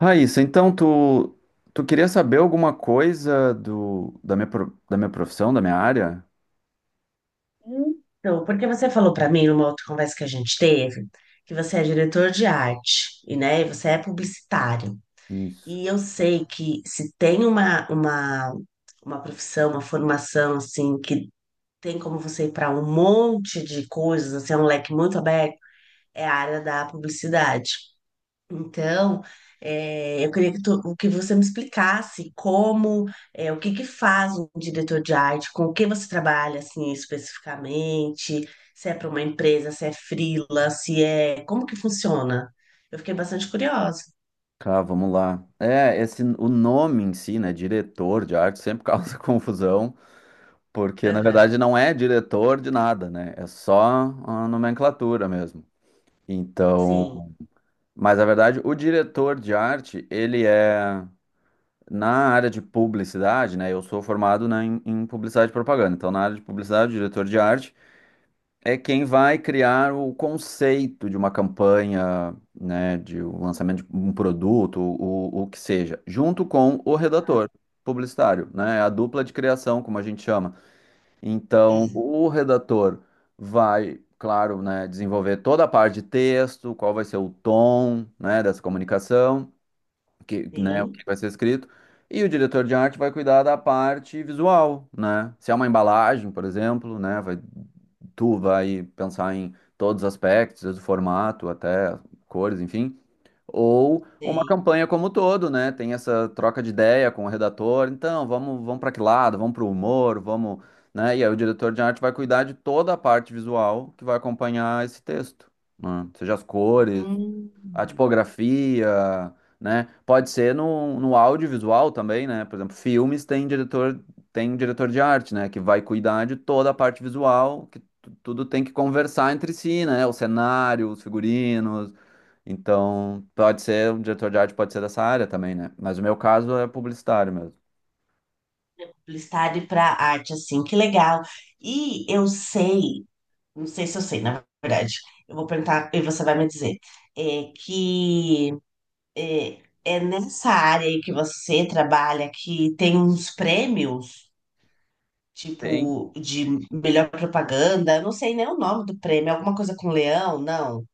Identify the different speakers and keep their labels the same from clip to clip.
Speaker 1: Raíssa, então tu queria saber alguma coisa do, da minha, pro- da minha profissão, da minha área?
Speaker 2: Então, porque você falou para mim numa outra conversa que a gente teve, que você é diretor de arte e, né, e você é publicitário.
Speaker 1: Isso.
Speaker 2: E eu sei que se tem uma profissão, uma formação assim que tem como você ir para um monte de coisas, assim, é um leque muito aberto, é a área da publicidade. Então, eu queria que você me explicasse como, o que que faz um diretor de arte, com o que você trabalha, assim, especificamente, se é para uma empresa, se é freela, se é... Como que funciona? Eu fiquei bastante curiosa.
Speaker 1: Tá, vamos lá. O nome em si, né, diretor de arte, sempre causa confusão, porque na
Speaker 2: Aham.
Speaker 1: verdade não é diretor de nada, né? É só a nomenclatura mesmo. Então,
Speaker 2: Sim.
Speaker 1: mas na verdade, o diretor de arte, ele é na área de publicidade, né? Eu sou formado, né, em publicidade e propaganda. Então, na área de publicidade, o diretor de arte é quem vai criar o conceito de uma campanha, né, de um lançamento de um produto, o que seja, junto com o redator publicitário, né, a dupla de criação, como a gente chama. Então,
Speaker 2: Hum.
Speaker 1: o redator vai, claro, né, desenvolver toda a parte de texto, qual vai ser o tom, né, dessa comunicação que, né, o
Speaker 2: Sim.
Speaker 1: que vai ser escrito, e o diretor de arte vai cuidar da parte visual, né? Se é uma embalagem, por exemplo, né, vai, tu vai pensar em todos os aspectos, desde o formato até cores, enfim. Ou uma
Speaker 2: Sei.
Speaker 1: campanha como um todo, né? Tem essa troca de ideia com o redator. Então, vamos para que lado? Vamos para o humor, vamos, né? E aí o diretor de arte vai cuidar de toda a parte visual que vai acompanhar esse texto, né? Seja as cores,
Speaker 2: Hum,
Speaker 1: a tipografia, né? Pode ser no audiovisual também, né? Por exemplo, filmes tem diretor de arte, né? Que vai cuidar de toda a parte visual, que tudo tem que conversar entre si, né? O cenário, os figurinos. Então, pode ser, um diretor de arte pode ser dessa área também, né? Mas o meu caso é publicitário mesmo.
Speaker 2: publicidade para arte, assim, que legal. E eu sei, não sei se eu sei, na verdade, eu vou perguntar e você vai me dizer, é que... É, é nessa área aí que você trabalha que tem uns prêmios,
Speaker 1: Tem?
Speaker 2: tipo, de melhor propaganda. Eu não sei nem o nome do prêmio, é alguma coisa com leão, não.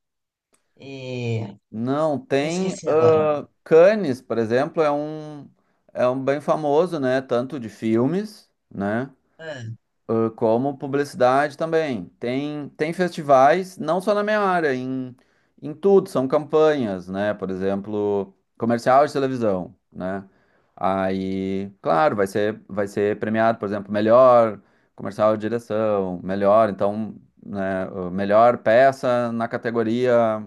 Speaker 2: É,
Speaker 1: Não,
Speaker 2: eu
Speaker 1: tem.
Speaker 2: esqueci agora.
Speaker 1: Ah, Cannes, por exemplo, é um bem famoso, né? Tanto de filmes, né?
Speaker 2: Ah,
Speaker 1: Ah, como publicidade também. Tem, tem festivais, não só na minha área, em, em tudo, são campanhas, né? Por exemplo, comercial de televisão, né? Aí, claro, vai ser premiado, por exemplo, melhor comercial de direção, melhor, então, né, melhor peça na categoria,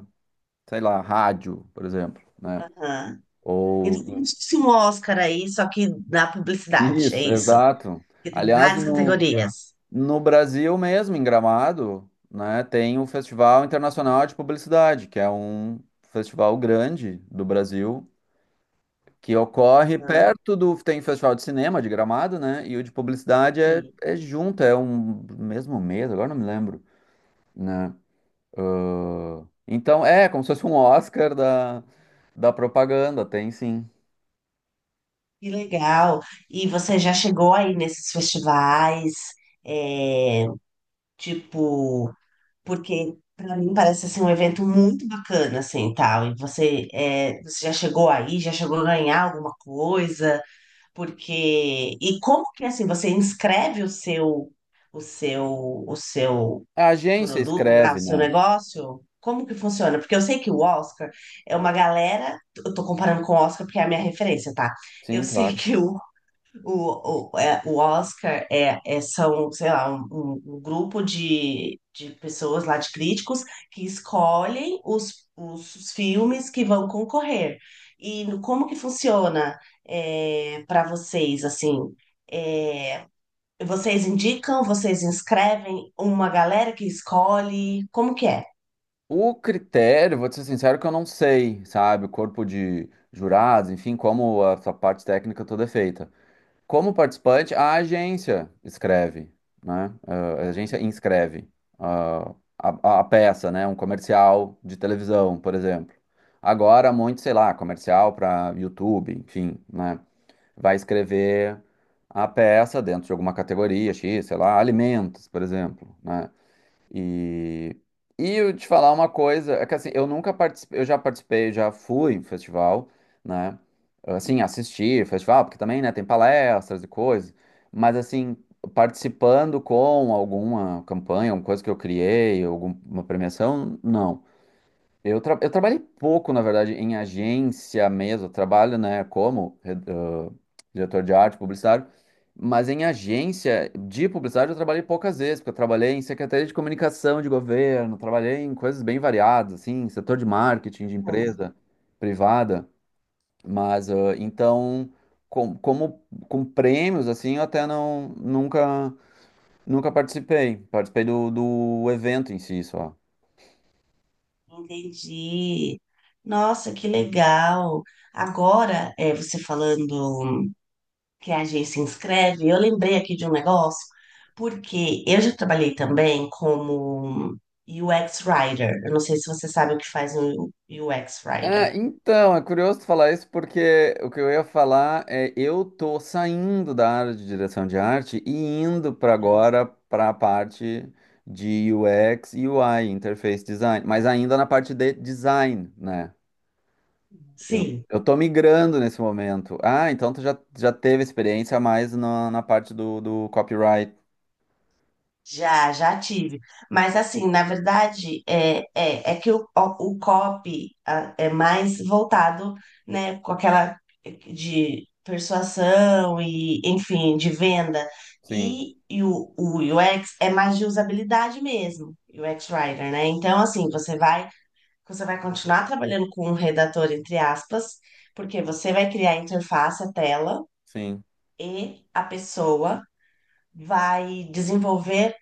Speaker 1: sei lá, rádio, por exemplo, né?
Speaker 2: aham.
Speaker 1: Ou
Speaker 2: Então, como se fosse um Oscar aí, só que na publicidade, é
Speaker 1: isso,
Speaker 2: isso.
Speaker 1: exato.
Speaker 2: Porque tem
Speaker 1: Aliás,
Speaker 2: várias categorias.
Speaker 1: no Brasil mesmo, em Gramado, né, tem o Festival Internacional de Publicidade, que é um festival grande do Brasil, que ocorre
Speaker 2: Aham,
Speaker 1: perto do... Tem o Festival de Cinema de Gramado, né? E o de Publicidade é,
Speaker 2: sim.
Speaker 1: é junto, é um mesmo mês, agora não me lembro, né? Ah, então, é como se fosse um Oscar da, da propaganda, tem sim.
Speaker 2: Que legal. E você já chegou aí nesses festivais, é, tipo. Porque para mim parece assim, um evento muito bacana, assim, tal. E você, é, você já chegou aí, já chegou a ganhar alguma coisa, porque e como que assim você inscreve o seu, o seu
Speaker 1: A agência
Speaker 2: produto lá, o
Speaker 1: escreve,
Speaker 2: seu
Speaker 1: né?
Speaker 2: negócio? Como que funciona? Porque eu sei que o Oscar é uma galera. Eu tô comparando com o Oscar porque é a minha referência, tá? Eu
Speaker 1: Sim,
Speaker 2: sei
Speaker 1: claro.
Speaker 2: que é, o Oscar são, sei lá, um grupo de pessoas lá, de críticos, que escolhem os filmes que vão concorrer. E no- como que funciona para vocês, assim? É, vocês indicam, vocês inscrevem uma galera que escolhe? Como que é?
Speaker 1: O critério, vou te ser sincero que eu não sei, sabe? O corpo de jurados, enfim, como a sua parte técnica toda é feita. Como participante, a agência escreve, né? A agência inscreve a peça, né? Um comercial de televisão, por exemplo. Agora, muito, sei lá, comercial para YouTube, enfim, né? Vai escrever a peça dentro de alguma categoria X, sei lá, alimentos, por exemplo, né? E, e eu te falar uma coisa, é que assim, eu nunca participei, eu já participei, já fui em festival, né? Assim, assistir festival, porque também, né, tem palestras e coisas, mas assim, participando com alguma campanha, alguma coisa que eu criei, alguma premiação, não. Eu trabalhei pouco, na verdade, em agência mesmo. Eu trabalho, né, como diretor de arte, publicitário, mas em agência de publicidade eu trabalhei poucas vezes, porque eu trabalhei em secretaria de comunicação de governo, trabalhei em coisas bem variadas, assim, setor de marketing de
Speaker 2: Uhum.
Speaker 1: empresa privada. Mas então, como com prêmios, assim, eu até não nunca participei. Participei do evento em si só.
Speaker 2: Entendi. Nossa, que legal. Agora, é, você falando. Que a G se inscreve, eu lembrei aqui de um negócio, porque eu já trabalhei também como UX Writer. Eu não sei se você sabe o que faz um UX
Speaker 1: Ah,
Speaker 2: Writer.
Speaker 1: então, é curioso tu falar isso porque o que eu ia falar é eu tô saindo da área de direção de arte e indo para agora para a parte de UX e UI, interface design, mas ainda na parte de design, né? Eu,
Speaker 2: Sim.
Speaker 1: eu tô migrando nesse momento. Ah, então já teve experiência mais na parte do copyright.
Speaker 2: Já, já tive. Mas assim, na verdade, é que o copy é mais voltado, né, com aquela é, de persuasão e, enfim, de venda.
Speaker 1: Sim,
Speaker 2: E o UX é mais de usabilidade mesmo, UX Writer, né? Então, assim, você vai continuar trabalhando com um redator, entre aspas, porque você vai criar a interface, a tela,
Speaker 1: sim.
Speaker 2: e a pessoa vai desenvolver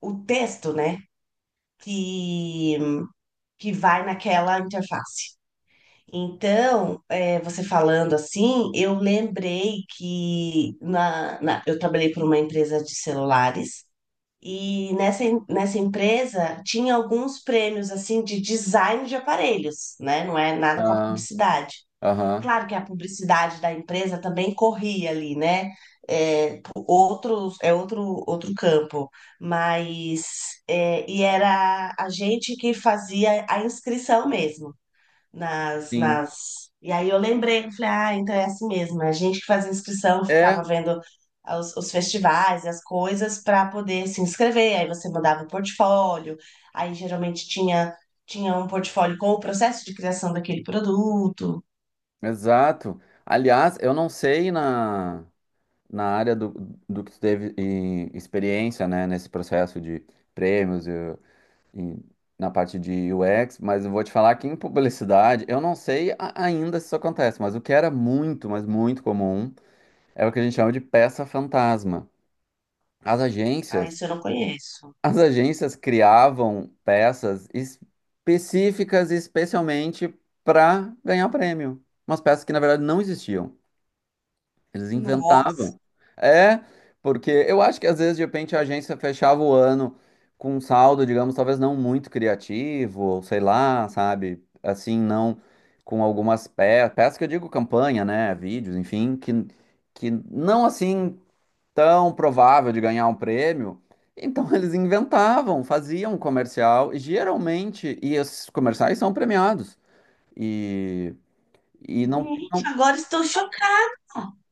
Speaker 2: o texto, né? que, que vai naquela interface. Então, é, você falando assim, eu lembrei que eu trabalhei por uma empresa de celulares e nessa empresa tinha alguns prêmios assim de design de aparelhos, né? Não é nada com a
Speaker 1: Ah,
Speaker 2: publicidade.
Speaker 1: aham,
Speaker 2: Claro que a publicidade da empresa também corria ali, né? É, pro- outros, é outro campo, mas é, e era a gente que fazia a inscrição mesmo nas,
Speaker 1: sim.
Speaker 2: nas... E aí eu lembrei, eu falei, ah, então é assim mesmo, é a gente que fazia inscrição, ficava
Speaker 1: É,
Speaker 2: vendo os festivais, as coisas para poder se inscrever, aí você mandava o portfólio, aí geralmente tinha um portfólio com o processo de criação daquele produto.
Speaker 1: exato. Aliás, eu não sei na. na área do, do que tu teve e, experiência, né, nesse processo de prêmios e na parte de UX, mas eu vou te falar que em publicidade, eu não sei ainda se isso acontece, mas o que era muito, mas muito comum, é o que a gente chama de peça fantasma. As
Speaker 2: Ah,
Speaker 1: agências,
Speaker 2: isso eu não conheço.
Speaker 1: as agências criavam peças específicas, especialmente para ganhar prêmio. Umas peças que, na verdade, não existiam. Eles
Speaker 2: Nossa,
Speaker 1: inventavam. É, porque eu acho que às vezes, de repente, a agência fechava o ano com um saldo, digamos, talvez não muito criativo, ou sei lá, sabe? Assim, não com algumas peças, peças que eu digo campanha, né? Vídeos, enfim, que não assim tão provável de ganhar um prêmio. Então eles inventavam, faziam um comercial, e geralmente, e esses comerciais são premiados. E, e não,
Speaker 2: gente,
Speaker 1: não,
Speaker 2: agora estou chocada.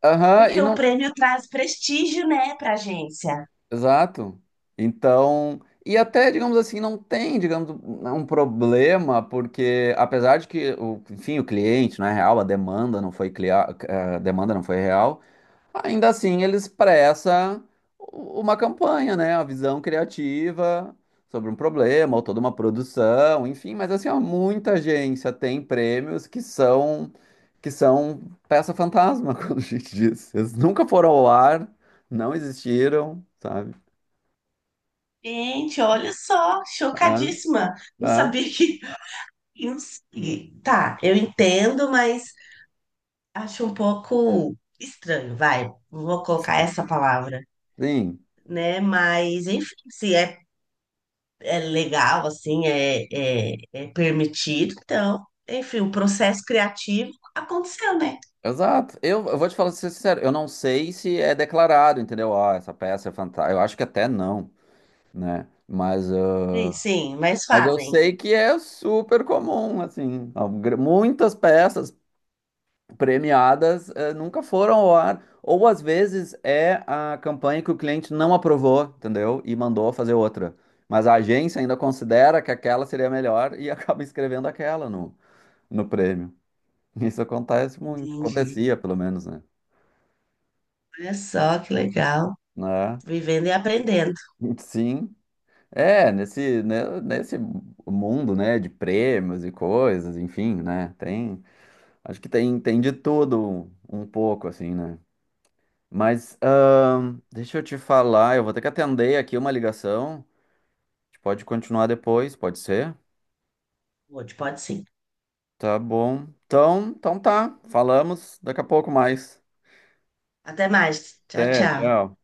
Speaker 1: aham,
Speaker 2: Porque
Speaker 1: e
Speaker 2: o
Speaker 1: não
Speaker 2: prêmio traz prestígio, né, para a agência.
Speaker 1: exato. Então, e até, digamos assim, não tem, digamos, um problema, porque apesar de que, o, enfim, o cliente não é real, a demanda não foi a demanda não foi real, ainda assim ele expressa uma campanha, né? A visão criativa sobre um problema, ou toda uma produção, enfim, mas assim, ó, muita agência tem prêmios que são peça fantasma, quando a gente diz. Eles nunca foram ao ar, não existiram, sabe?
Speaker 2: Gente, olha só,
Speaker 1: É,
Speaker 2: chocadíssima. Não sabia
Speaker 1: é,
Speaker 2: que. Eu não sei. Tá, eu entendo, mas acho um pouco estranho, vai. Vou colocar essa palavra,
Speaker 1: sim,
Speaker 2: né? Mas, enfim, se é, é legal, assim, é permitido, então, enfim, o processo criativo aconteceu, né?
Speaker 1: exato. Eu vou te falar ser sincero, eu não sei se é declarado, entendeu? Ah, essa peça é fantástica. Eu acho que até não, né? Mas,
Speaker 2: Sim, sim, mas
Speaker 1: mas eu
Speaker 2: fazem.
Speaker 1: sei que é super comum, assim. Muitas peças premiadas, nunca foram ao ar. Ou às vezes é a campanha que o cliente não aprovou, entendeu? E mandou fazer outra. Mas a agência ainda considera que aquela seria melhor e acaba escrevendo aquela no prêmio. Isso acontece muito,
Speaker 2: Entendi.
Speaker 1: acontecia pelo menos, né?
Speaker 2: Olha só que legal.
Speaker 1: Né?
Speaker 2: Vivendo e aprendendo.
Speaker 1: Sim. É, nesse, né, nesse mundo, né, de prêmios e coisas, enfim, né? Tem, acho que tem, tem de tudo um pouco, assim, né? Mas, deixa eu te falar, eu vou ter que atender aqui uma ligação. A gente pode continuar depois, pode ser?
Speaker 2: Pode, pode sim.
Speaker 1: Tá bom. Então, então tá. Falamos daqui a pouco mais.
Speaker 2: Até mais. Tchau,
Speaker 1: Até,
Speaker 2: tchau.
Speaker 1: tchau.